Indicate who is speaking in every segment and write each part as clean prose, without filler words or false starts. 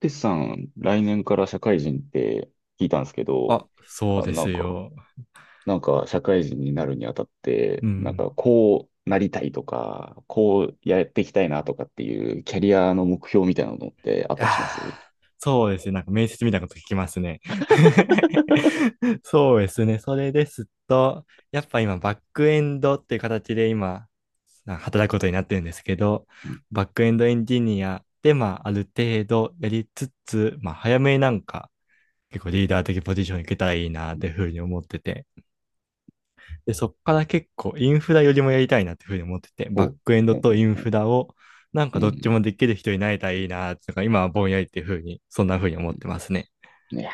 Speaker 1: テスさん、来年から社会人って聞いたんですけど、
Speaker 2: あ、そう
Speaker 1: あ、
Speaker 2: で
Speaker 1: な
Speaker 2: す
Speaker 1: んか、
Speaker 2: よ。
Speaker 1: 社会人になるにあたっ
Speaker 2: う
Speaker 1: て、なん
Speaker 2: ん。
Speaker 1: かこうなりたいとか、こうやっていきたいなとかっていうキャリアの目標みたいなのってあったりします？
Speaker 2: そうですね。面接みたいなこと聞きますね。そうですね。それですと、やっぱ今、バックエンドっていう形で今、働くことになってるんですけど、
Speaker 1: うん。
Speaker 2: バックエンドエンジニアで、ある程度やりつつ、早めに結構リーダー的ポジションに行けたらいいなっていうふうに思ってて。で、そっから結構インフラよりもやりたいなっていうふうに思ってて、バ
Speaker 1: お
Speaker 2: ッ
Speaker 1: う、
Speaker 2: クエンド
Speaker 1: うん
Speaker 2: と
Speaker 1: う
Speaker 2: イ
Speaker 1: ん
Speaker 2: ン
Speaker 1: う
Speaker 2: フ
Speaker 1: ん
Speaker 2: ラを
Speaker 1: う
Speaker 2: どっち
Speaker 1: ん
Speaker 2: もできる人になれたらいいなとか、今はぼんやりっていうふうに、そんなふうに思
Speaker 1: う
Speaker 2: ってますね。
Speaker 1: ん。いや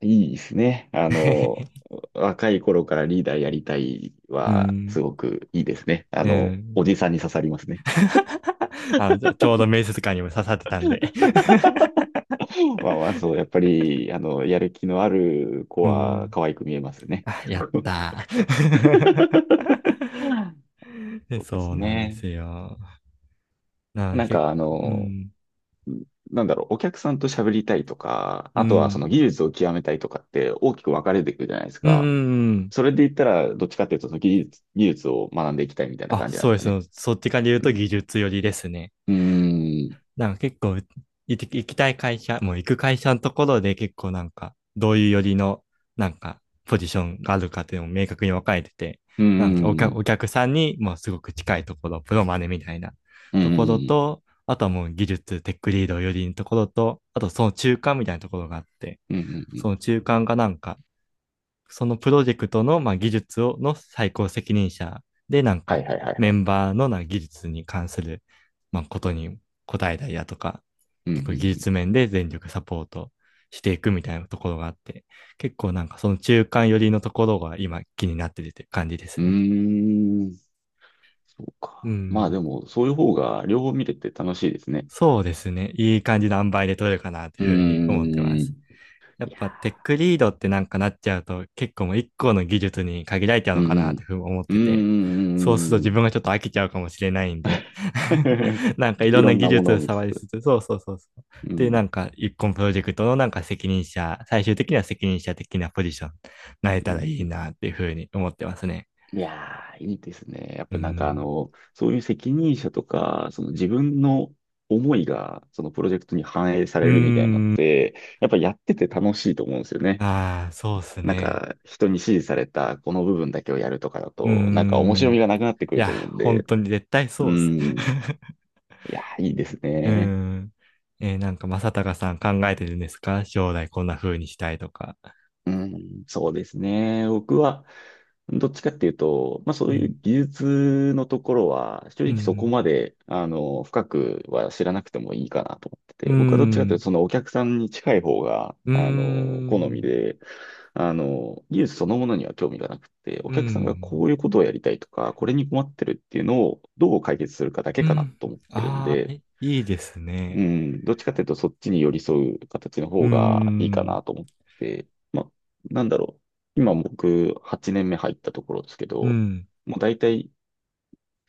Speaker 1: ー、いいですね。若い頃からリーダーやりたい
Speaker 2: うー
Speaker 1: は、す
Speaker 2: ん。
Speaker 1: ごくいいですね。
Speaker 2: うーん。
Speaker 1: おじさんに刺さりますね。
Speaker 2: あのちょうど面接官にも刺さってたん で
Speaker 1: まあまあ、そう、やっぱり、やる気のある 子
Speaker 2: うー
Speaker 1: は
Speaker 2: ん。
Speaker 1: 可愛く見えます ね。
Speaker 2: あ、やっ たー で
Speaker 1: そうで
Speaker 2: そ
Speaker 1: す
Speaker 2: うなんで
Speaker 1: ね。
Speaker 2: すよ。なので
Speaker 1: なん
Speaker 2: 結
Speaker 1: か、
Speaker 2: 構、うん。
Speaker 1: お客さんと喋りたいとか、
Speaker 2: う
Speaker 1: あとはそ
Speaker 2: ん。
Speaker 1: の技術を極めたいとかって大きく分かれていくじゃないです
Speaker 2: うん、う
Speaker 1: か。
Speaker 2: んうん。
Speaker 1: それで言ったら、どっちかっていうと、その技術を学んでいきたいみたいな
Speaker 2: あ、
Speaker 1: 感じなんで
Speaker 2: そう
Speaker 1: す
Speaker 2: で
Speaker 1: かね。
Speaker 2: す。そっちから言う
Speaker 1: う
Speaker 2: と
Speaker 1: ん。
Speaker 2: 技術寄りですね。
Speaker 1: うーん。
Speaker 2: 結構、行きたい会社、もう行く会社のところで結構どういうよりの、ポジションがあるかっていうのも明確に分かれてて、
Speaker 1: うーん。
Speaker 2: お客さんにもうすごく近いところ、プロマネみたいな
Speaker 1: うー
Speaker 2: ところ
Speaker 1: ん。
Speaker 2: と、あとはもう技術、テックリードよりのところと、あとその中間みたいなところがあって、
Speaker 1: うーん。うー
Speaker 2: そ
Speaker 1: ん。
Speaker 2: の中間がそのプロジェクトの、技術を、の最高責任者で、
Speaker 1: はいはいはいは
Speaker 2: メ
Speaker 1: い。
Speaker 2: ンバーのな技術に関する、まあ、ことに答えたりだとか、
Speaker 1: う
Speaker 2: 結構技
Speaker 1: ん。
Speaker 2: 術面で全力サポートしていくみたいなところがあって、結構その中間寄りのところが今気になってるって感じで
Speaker 1: う
Speaker 2: す
Speaker 1: ん。う
Speaker 2: ね。
Speaker 1: ん。うーん。そう
Speaker 2: う
Speaker 1: か。まあで
Speaker 2: ん。
Speaker 1: も、そういう方が両方見れて楽しいですね。
Speaker 2: そうですね。いい感じの塩梅で取れるかなとい
Speaker 1: う
Speaker 2: うふうに思ってま
Speaker 1: ー
Speaker 2: す。
Speaker 1: ん。
Speaker 2: や
Speaker 1: い
Speaker 2: っ
Speaker 1: や
Speaker 2: ぱテックリードってなっちゃうと結構もう一個の技術に限られちゃう
Speaker 1: ー、う
Speaker 2: の
Speaker 1: ん
Speaker 2: かなってふうに思っ
Speaker 1: うん。う
Speaker 2: て
Speaker 1: ん
Speaker 2: て、
Speaker 1: う
Speaker 2: そうする
Speaker 1: ん
Speaker 2: と
Speaker 1: うん
Speaker 2: 自
Speaker 1: う
Speaker 2: 分がちょっと飽きちゃうかもしれないんで
Speaker 1: ん。
Speaker 2: い ろ
Speaker 1: い
Speaker 2: ん
Speaker 1: ろ
Speaker 2: な
Speaker 1: ん
Speaker 2: 技
Speaker 1: なも
Speaker 2: 術
Speaker 1: のを
Speaker 2: を
Speaker 1: 見つ
Speaker 2: 触り
Speaker 1: つ。
Speaker 2: つつ、そうそうそうそう。
Speaker 1: う
Speaker 2: で、
Speaker 1: ん。
Speaker 2: 一個のプロジェクトの責任者、最終的には責任者的なポジション、なれ
Speaker 1: う
Speaker 2: た
Speaker 1: ん。
Speaker 2: らいいなっていうふうに思ってますね。
Speaker 1: いやー、いいですね。やっ
Speaker 2: うー
Speaker 1: ぱなんか
Speaker 2: ん。
Speaker 1: そういう責任者とか、その自分の思いが、そのプロジェクトに反映さ
Speaker 2: うー
Speaker 1: れるみたいなのっ
Speaker 2: ん。
Speaker 1: て、やっぱやってて楽しいと思うんですよね。
Speaker 2: ああ、そうっす
Speaker 1: なん
Speaker 2: ね。
Speaker 1: か、人に指示されたこの部分だけをやるとかだ
Speaker 2: うー
Speaker 1: と、なんか面白み
Speaker 2: ん。
Speaker 1: がなくなってく
Speaker 2: い
Speaker 1: る
Speaker 2: や、
Speaker 1: と思うん
Speaker 2: 本
Speaker 1: で、
Speaker 2: 当に絶対
Speaker 1: う
Speaker 2: そうっす。
Speaker 1: ん。いや、いいです
Speaker 2: う
Speaker 1: ね。
Speaker 2: ん。正隆さん考えてるんですか将来こんな風にしたいとか。
Speaker 1: うん、そうですね。僕は、どっちかっていうと、まあ
Speaker 2: う
Speaker 1: そういう
Speaker 2: ん。
Speaker 1: 技術のところは、正
Speaker 2: う
Speaker 1: 直そこ
Speaker 2: ん。
Speaker 1: まで、深くは知らなくてもいいかなと思って
Speaker 2: う
Speaker 1: て、僕はどっちかっていう
Speaker 2: ん。
Speaker 1: と、そのお客さんに近い方が、
Speaker 2: う
Speaker 1: 好み
Speaker 2: ん。
Speaker 1: で、技術そのものには興味がなくて、お
Speaker 2: う
Speaker 1: 客さんがこ
Speaker 2: ん。
Speaker 1: ういうことをやりたいとか、これに困ってるっていうのをどう解決するかだけ
Speaker 2: う
Speaker 1: かな
Speaker 2: ん。
Speaker 1: と思ってるん
Speaker 2: ああ、
Speaker 1: で、
Speaker 2: いいです
Speaker 1: う
Speaker 2: ね。
Speaker 1: ん、どっちかというとそっちに寄り添う形の
Speaker 2: う
Speaker 1: 方がいいか
Speaker 2: ん。
Speaker 1: なと思って、まあ、なんだろう。今僕8年目入ったところですけ
Speaker 2: う
Speaker 1: ど、
Speaker 2: ん。
Speaker 1: もう大体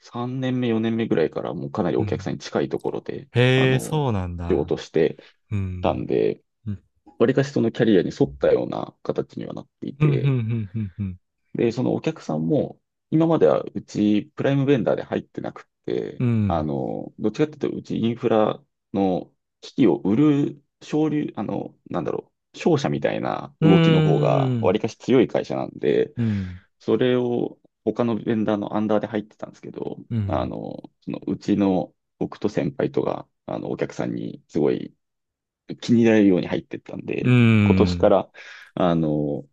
Speaker 1: 3年目、4年目ぐらいからもうかなり
Speaker 2: う
Speaker 1: お客さ
Speaker 2: ん。
Speaker 1: んに近いところで、あ
Speaker 2: へえ、
Speaker 1: の、
Speaker 2: そうなん
Speaker 1: 仕
Speaker 2: だ。
Speaker 1: 事して
Speaker 2: う
Speaker 1: たん
Speaker 2: ん。
Speaker 1: で、
Speaker 2: うん。
Speaker 1: わりかしそのキャリアに沿ったような形にはなってい
Speaker 2: うん。う
Speaker 1: て、
Speaker 2: ん。うん。
Speaker 1: で、そのお客さんも、今まではうちプライムベンダーで入ってなくて、
Speaker 2: うん。
Speaker 1: どっちかっていうと、うちインフラの機器を売る、商流、商社みたいな
Speaker 2: う
Speaker 1: 動きの方が、わ
Speaker 2: ん。
Speaker 1: りかし強い会社なんで、
Speaker 2: うん。
Speaker 1: それを他のベンダーのアンダーで入ってたんですけど、
Speaker 2: うん。うん。
Speaker 1: そのうちの僕と先輩とが、お客さんにすごい気に入られるように入ってったん
Speaker 2: う
Speaker 1: で、今年か
Speaker 2: ん。
Speaker 1: ら、あの、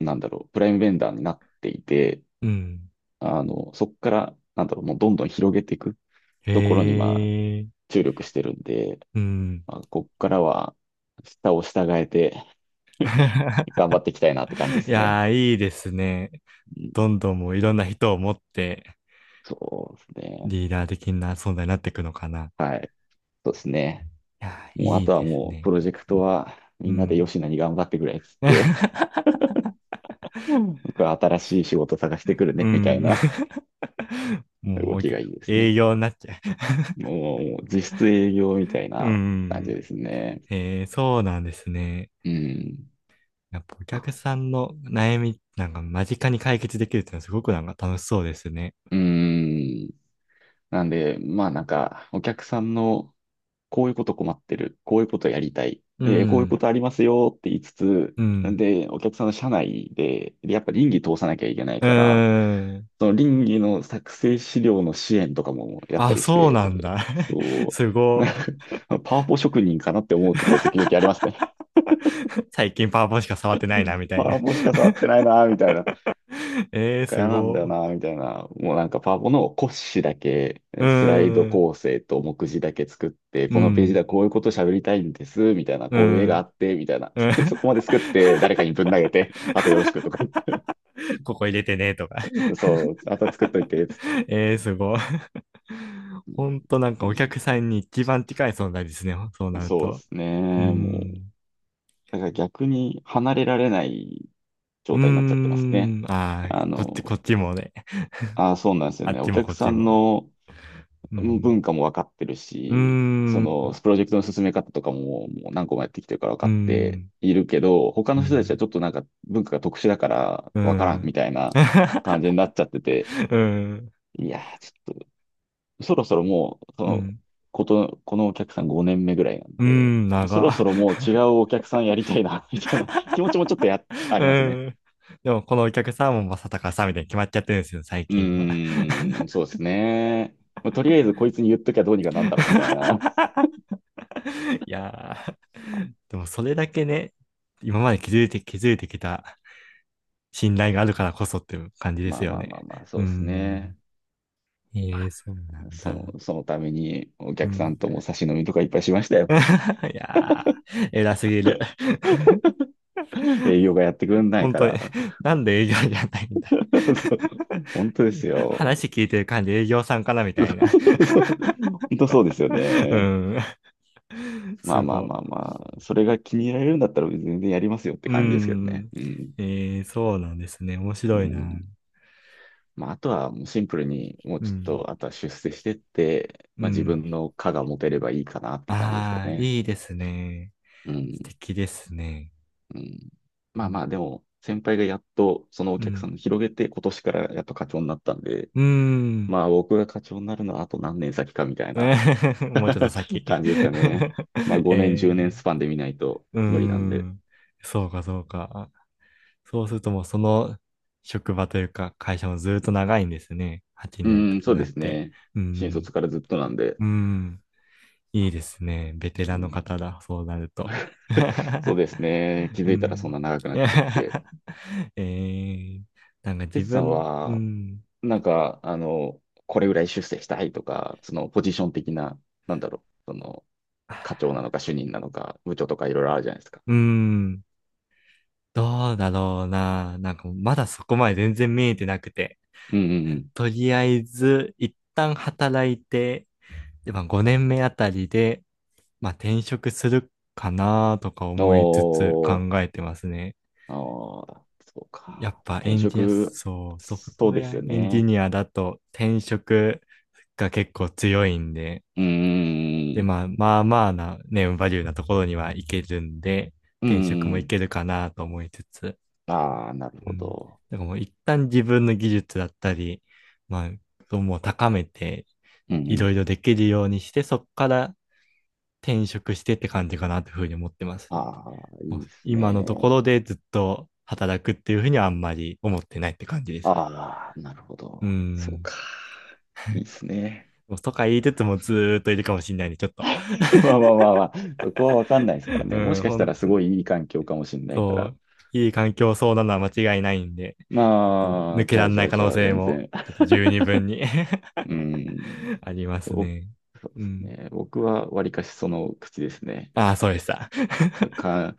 Speaker 1: プライムベンダーになっていて、
Speaker 2: うん
Speaker 1: そこから、もうどんどん広げていくところに、まあ、
Speaker 2: へえ。
Speaker 1: 注力してるんで、
Speaker 2: うん。
Speaker 1: まあ、ここからは、下を従えて 頑張っていきたいなって感じで
Speaker 2: い
Speaker 1: す
Speaker 2: や
Speaker 1: ね。
Speaker 2: ー、いいですね。
Speaker 1: うん、
Speaker 2: どんどんもういろんな人を持って
Speaker 1: そうですね。
Speaker 2: リーダー的な存在になっていくのかな。
Speaker 1: はい。そうですね。
Speaker 2: いやー、
Speaker 1: もう、あ
Speaker 2: いい
Speaker 1: とは
Speaker 2: です
Speaker 1: もう、プ
Speaker 2: ね。
Speaker 1: ロジェクトは、
Speaker 2: う
Speaker 1: みんなで
Speaker 2: ん。
Speaker 1: 吉野に頑張ってくれっつって、うん僕は新しい仕事探してくる
Speaker 2: う
Speaker 1: ね、みたい
Speaker 2: ん。
Speaker 1: な。
Speaker 2: も
Speaker 1: 動
Speaker 2: うお
Speaker 1: き
Speaker 2: け、
Speaker 1: がいいです
Speaker 2: 営
Speaker 1: ね。
Speaker 2: 業になっちゃ
Speaker 1: もう、実質営業みたい
Speaker 2: う。う
Speaker 1: な感じ
Speaker 2: ん。
Speaker 1: ですね。
Speaker 2: えー、そうなんですね。
Speaker 1: うん。
Speaker 2: やっぱお客
Speaker 1: あ、
Speaker 2: さんの悩み間近に解決できるっていうのはすごく楽しそうですね。
Speaker 1: うーん。なんで、まあなんか、お客さんの、こういうこと困ってる、こういうことやりたい、
Speaker 2: う
Speaker 1: こういうこ
Speaker 2: ん。
Speaker 1: とありますよって言いつつ、
Speaker 2: うん。
Speaker 1: で、お客さんの社内で、でやっぱ倫理通さなきゃいけない
Speaker 2: う
Speaker 1: から、
Speaker 2: ーん。
Speaker 1: その倫理の作成資料の支援とかもやった
Speaker 2: あ、
Speaker 1: りし
Speaker 2: そうな
Speaker 1: て、
Speaker 2: んだ。
Speaker 1: そ
Speaker 2: す
Speaker 1: う、
Speaker 2: ご。
Speaker 1: な パワポ職人かなって思う時は時々ありますね。
Speaker 2: 最近パワポンしか触ってない
Speaker 1: う
Speaker 2: な、
Speaker 1: ん
Speaker 2: み た
Speaker 1: パ
Speaker 2: いな。
Speaker 1: ワポしか触ってないな、みたいな。
Speaker 2: えー、
Speaker 1: か
Speaker 2: す
Speaker 1: 嫌なん
Speaker 2: ご
Speaker 1: だよな、
Speaker 2: い。
Speaker 1: みたいな。もうなんかパワポの骨子だけ、
Speaker 2: う
Speaker 1: スライド
Speaker 2: ーん、
Speaker 1: 構成と目次だけ作って、
Speaker 2: う
Speaker 1: このページで
Speaker 2: ん、
Speaker 1: はこういうこと喋りたいんです、みたいな、
Speaker 2: う
Speaker 1: こういう絵があ
Speaker 2: ん、
Speaker 1: って、みたいな。
Speaker 2: うん。
Speaker 1: そこまで作って、誰かにぶん投げて、あとよろしくとか言って。
Speaker 2: ここ入れてね、とか。
Speaker 1: そう、あと作っといて、つっ て。
Speaker 2: えー、すごい。ほんとお客
Speaker 1: そ
Speaker 2: さんに一番近い存在ですね、そう
Speaker 1: う
Speaker 2: なる
Speaker 1: そうで
Speaker 2: と。
Speaker 1: す
Speaker 2: うー
Speaker 1: ね。もう、
Speaker 2: ん、
Speaker 1: だから逆に離れられない
Speaker 2: う
Speaker 1: 状態になっちゃって
Speaker 2: ー
Speaker 1: ますね。
Speaker 2: ん、ああ
Speaker 1: あ
Speaker 2: こ
Speaker 1: の、
Speaker 2: っちもね。
Speaker 1: あ、そうなんですよ
Speaker 2: あっ
Speaker 1: ね。
Speaker 2: ち
Speaker 1: お
Speaker 2: も
Speaker 1: 客
Speaker 2: こっ
Speaker 1: さ
Speaker 2: ち
Speaker 1: ん
Speaker 2: も。
Speaker 1: の
Speaker 2: うん、
Speaker 1: 文化も分かってる
Speaker 2: うー
Speaker 1: し、その、
Speaker 2: ん、
Speaker 1: プロジェクトの進め方とかも、もう何個もやってきてるから分
Speaker 2: う
Speaker 1: か
Speaker 2: ー
Speaker 1: って
Speaker 2: ん、
Speaker 1: いるけど、他
Speaker 2: う
Speaker 1: の人たちは
Speaker 2: ん、
Speaker 1: ちょっとなんか文化が特殊だから
Speaker 2: う
Speaker 1: 分からんみ
Speaker 2: ん、
Speaker 1: たいな感じにな っちゃってて、
Speaker 2: うん、
Speaker 1: いやー、ちょっと、そろそろもう、そ
Speaker 2: う
Speaker 1: の、
Speaker 2: ん。
Speaker 1: このお客さん5年目ぐらいなん
Speaker 2: うー
Speaker 1: で、
Speaker 2: ん、
Speaker 1: そ
Speaker 2: 長。
Speaker 1: ろそろもう違うお客さんやりたいな、みたいな 気持ちもちょっと あ
Speaker 2: う
Speaker 1: りますね。
Speaker 2: ん。でも、このお客さんも正隆さんみたいに決まっちゃってるんですよ、最
Speaker 1: う
Speaker 2: 近は。
Speaker 1: ーん、そうですね。まあとりあえずこいつに言っときゃどうにかなんだろうみたいな。
Speaker 2: いやー、でもそれだけね、今まで築いて、築いてきた信頼があるからこそっていう感じ で
Speaker 1: ま
Speaker 2: す
Speaker 1: あ
Speaker 2: よ
Speaker 1: まあまあ
Speaker 2: ね。
Speaker 1: まあ、
Speaker 2: う
Speaker 1: そ
Speaker 2: ー
Speaker 1: うです
Speaker 2: ん。
Speaker 1: ね。
Speaker 2: ええそうなん
Speaker 1: そ
Speaker 2: だ。
Speaker 1: の、そのためにお
Speaker 2: う
Speaker 1: 客さ
Speaker 2: ん。
Speaker 1: んとも差し飲みとかいっぱいしましたよ。
Speaker 2: いやー、偉すぎる。
Speaker 1: 営業がやってくれない
Speaker 2: 本
Speaker 1: か
Speaker 2: 当に。
Speaker 1: ら。
Speaker 2: なんで営業じゃないんだ。
Speaker 1: そう本当ですよ。
Speaker 2: 話聞いてる感じ営業さんかなみ
Speaker 1: そ
Speaker 2: たいな。
Speaker 1: うそうそう本当そうですよ
Speaker 2: う
Speaker 1: ね。
Speaker 2: ん。
Speaker 1: まあ
Speaker 2: す
Speaker 1: まあ
Speaker 2: ごい。
Speaker 1: まあまあ、それが気に入られるんだったら全然やりますよって
Speaker 2: う
Speaker 1: 感じですけどね。
Speaker 2: ん。
Speaker 1: うん。
Speaker 2: えー、そうなんですね。面
Speaker 1: う
Speaker 2: 白いな。
Speaker 1: ん。まあ、あとはもうシンプルに、もう
Speaker 2: う
Speaker 1: ちょっ
Speaker 2: ん。
Speaker 1: と、あとは出世してって、
Speaker 2: う
Speaker 1: まあ自
Speaker 2: ん。
Speaker 1: 分の課が持てればいいかなって感じですか
Speaker 2: ああ、
Speaker 1: ね。
Speaker 2: いいですね。
Speaker 1: う
Speaker 2: 素
Speaker 1: ん。
Speaker 2: 敵ですね。
Speaker 1: うん。ま
Speaker 2: う
Speaker 1: あ
Speaker 2: ん。
Speaker 1: まあ、でも、先輩がやっとそのお
Speaker 2: う
Speaker 1: 客さ
Speaker 2: ん。
Speaker 1: んを広げて、今年からやっと課長になったんで、
Speaker 2: うん
Speaker 1: まあ僕が課長になるのはあと何年先かみたいな
Speaker 2: もうちょっと先。
Speaker 1: 感じですかね。まあ 5年、10年
Speaker 2: え
Speaker 1: ス
Speaker 2: ー
Speaker 1: パンで見ないと
Speaker 2: うー
Speaker 1: 無理なんで。
Speaker 2: ん。そうか。そうするともうその職場というか会社もずっと長いんですね。8
Speaker 1: う
Speaker 2: 年
Speaker 1: ん、
Speaker 2: と
Speaker 1: うん
Speaker 2: か
Speaker 1: そうで
Speaker 2: なっ
Speaker 1: す
Speaker 2: て。
Speaker 1: ね。
Speaker 2: う
Speaker 1: 新
Speaker 2: ん。
Speaker 1: 卒からずっとなんで。
Speaker 2: うん。いいですね。ベテ
Speaker 1: う
Speaker 2: ラン
Speaker 1: ん
Speaker 2: の方だ。そうなると。
Speaker 1: そう ですね。気
Speaker 2: う
Speaker 1: づいたらそん
Speaker 2: ん。
Speaker 1: な長くなっちゃって。
Speaker 2: えー、
Speaker 1: テ
Speaker 2: 自
Speaker 1: ツさん
Speaker 2: 分、う
Speaker 1: は、
Speaker 2: ん。
Speaker 1: なんか、これぐらい出世したいとか、そのポジション的な、なんだろう、その、課長なのか主任なのか部長とかいろいろあるじゃないですか。
Speaker 2: うん。どうだろうな。まだそこまで全然見えてなくて。
Speaker 1: うんうんうん。
Speaker 2: とりあえず、一旦働いて、で、まあ5年目あたりで、まあ転職するかなとか
Speaker 1: お
Speaker 2: 思いつつ考
Speaker 1: ー、
Speaker 2: えてますね。
Speaker 1: あーそう
Speaker 2: やっ
Speaker 1: か。まあ
Speaker 2: ぱエ
Speaker 1: 転
Speaker 2: ンジニア、
Speaker 1: 職、
Speaker 2: そう、ソフト
Speaker 1: そ
Speaker 2: ウ
Speaker 1: うで
Speaker 2: ェア
Speaker 1: すよ
Speaker 2: エンジ
Speaker 1: ね。
Speaker 2: ニアだと転職が結構強いんで、
Speaker 1: うー
Speaker 2: で、
Speaker 1: ん、
Speaker 2: まあまあまあなネームバリューなところにはいけるんで、
Speaker 1: う
Speaker 2: 転職も
Speaker 1: ー
Speaker 2: い
Speaker 1: ん。
Speaker 2: けるかなと思いつつ、
Speaker 1: ああ、なる
Speaker 2: う
Speaker 1: ほ
Speaker 2: ん。
Speaker 1: ど。
Speaker 2: だからもう一旦自分の技術だったり、まあ、そうもう高めて、
Speaker 1: うん。うんう
Speaker 2: い
Speaker 1: ん。
Speaker 2: ろいろできるようにして、そこから転職してって感じかなというふうに思ってますね。
Speaker 1: ああ、
Speaker 2: も
Speaker 1: い
Speaker 2: う
Speaker 1: いです
Speaker 2: 今の
Speaker 1: ね。
Speaker 2: ところでずっと働くっていうふうにはあんまり思ってないって感じですね。
Speaker 1: ああ、なるほ
Speaker 2: うー
Speaker 1: ど。そう
Speaker 2: ん。
Speaker 1: か。いい ですね。
Speaker 2: もうとか言いつつもずーっといるかもしれないんで、ちょっと。
Speaker 1: まあまあまあまあ、そこはわかんないですから ね。も
Speaker 2: う
Speaker 1: し
Speaker 2: ん、
Speaker 1: かした
Speaker 2: 本
Speaker 1: らす
Speaker 2: 当に。
Speaker 1: ごいいい環境かもしれないか
Speaker 2: そ
Speaker 1: ら。
Speaker 2: う。いい環境そうなのは間違いないんで、ちょっともう
Speaker 1: ま
Speaker 2: 抜
Speaker 1: あ、
Speaker 2: け
Speaker 1: じゃ
Speaker 2: ら
Speaker 1: あ
Speaker 2: れ
Speaker 1: じ
Speaker 2: な
Speaker 1: ゃ
Speaker 2: い
Speaker 1: あ
Speaker 2: 可
Speaker 1: じ
Speaker 2: 能
Speaker 1: ゃあ、
Speaker 2: 性
Speaker 1: 全
Speaker 2: も、
Speaker 1: 然。
Speaker 2: ちょっと十二分に
Speaker 1: うーん。
Speaker 2: あります
Speaker 1: 僕
Speaker 2: ね。
Speaker 1: そう
Speaker 2: う
Speaker 1: です
Speaker 2: ん。
Speaker 1: ね。僕はわりかしその口ですね。
Speaker 2: ああ、そうでした。
Speaker 1: か、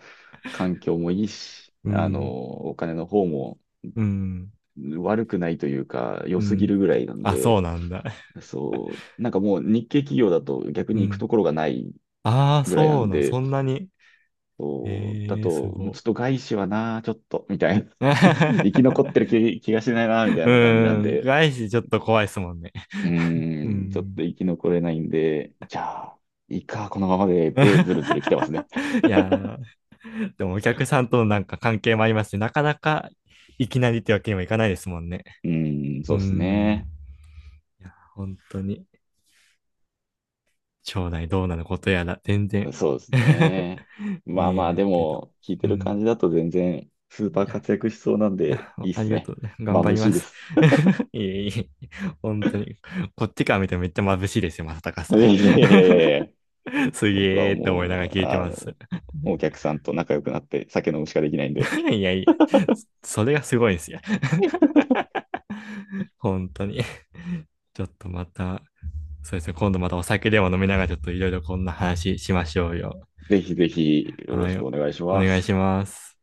Speaker 1: 環境もいいし、
Speaker 2: うん。
Speaker 1: お金の方も
Speaker 2: うん。
Speaker 1: 悪くないというか、良
Speaker 2: う
Speaker 1: すぎ
Speaker 2: ん。
Speaker 1: るぐらいなん
Speaker 2: あ、
Speaker 1: で、
Speaker 2: そうなんだ。
Speaker 1: そう、なんかもう日系企業だと逆
Speaker 2: う
Speaker 1: に行く
Speaker 2: ん。
Speaker 1: ところがない
Speaker 2: ああ、
Speaker 1: ぐらいな
Speaker 2: そう
Speaker 1: ん
Speaker 2: なん、
Speaker 1: で、
Speaker 2: そんなに。
Speaker 1: そう、だ
Speaker 2: ええー、す
Speaker 1: と、ちょ
Speaker 2: ご。
Speaker 1: っと外資はな、ちょっと、みたいな。生き残
Speaker 2: う
Speaker 1: ってる気がしないな、みたいな感じな
Speaker 2: ー
Speaker 1: ん
Speaker 2: ん、
Speaker 1: で、
Speaker 2: 外資ちょっと怖いですもんね。
Speaker 1: う
Speaker 2: うー
Speaker 1: ーん、ちょっと
Speaker 2: ん。
Speaker 1: 生き残れないんで、じゃあ、いいか、このままで、で、ずるずる来てますね。
Speaker 2: いやー、でもお客さんとの関係もありますし、なかなかいきなりってわけにもいかないですもんね。
Speaker 1: うん、
Speaker 2: う
Speaker 1: そ
Speaker 2: ー
Speaker 1: うです
Speaker 2: ん、
Speaker 1: ね。
Speaker 2: 本当に、将来どうなることやら、全然
Speaker 1: そうです ね。ま
Speaker 2: 見
Speaker 1: あ
Speaker 2: え
Speaker 1: まあ、
Speaker 2: な
Speaker 1: で
Speaker 2: いけど。
Speaker 1: も、聞いて
Speaker 2: う
Speaker 1: る
Speaker 2: ん。
Speaker 1: 感じだと全然、スーパ
Speaker 2: い
Speaker 1: ー
Speaker 2: や
Speaker 1: 活躍しそうなん
Speaker 2: い
Speaker 1: で、
Speaker 2: や、
Speaker 1: いいっ
Speaker 2: あ
Speaker 1: す
Speaker 2: りがと
Speaker 1: ね。
Speaker 2: う。頑張
Speaker 1: 眩
Speaker 2: り
Speaker 1: し
Speaker 2: ま
Speaker 1: いで
Speaker 2: す。
Speaker 1: す。
Speaker 2: いえいえ、本当に。こっちから見てもめっちゃ眩しいですよ、正隆さ
Speaker 1: いやいやいやいやいや、
Speaker 2: ん。す
Speaker 1: 僕は
Speaker 2: げーって思いな
Speaker 1: も
Speaker 2: がら
Speaker 1: う、
Speaker 2: 聞いてます。
Speaker 1: お客さんと仲良くなって、酒飲むしかできないんで、
Speaker 2: いやいや、それがすごいんですよ。本当に。ちょっとまた、そうですね、今度またお酒でも飲みながらちょっといろいろこんな話しましょうよ。
Speaker 1: ぜひぜひ、よろ
Speaker 2: は
Speaker 1: し
Speaker 2: い、
Speaker 1: くお願いし
Speaker 2: お
Speaker 1: ま
Speaker 2: 願いし
Speaker 1: す。
Speaker 2: ます。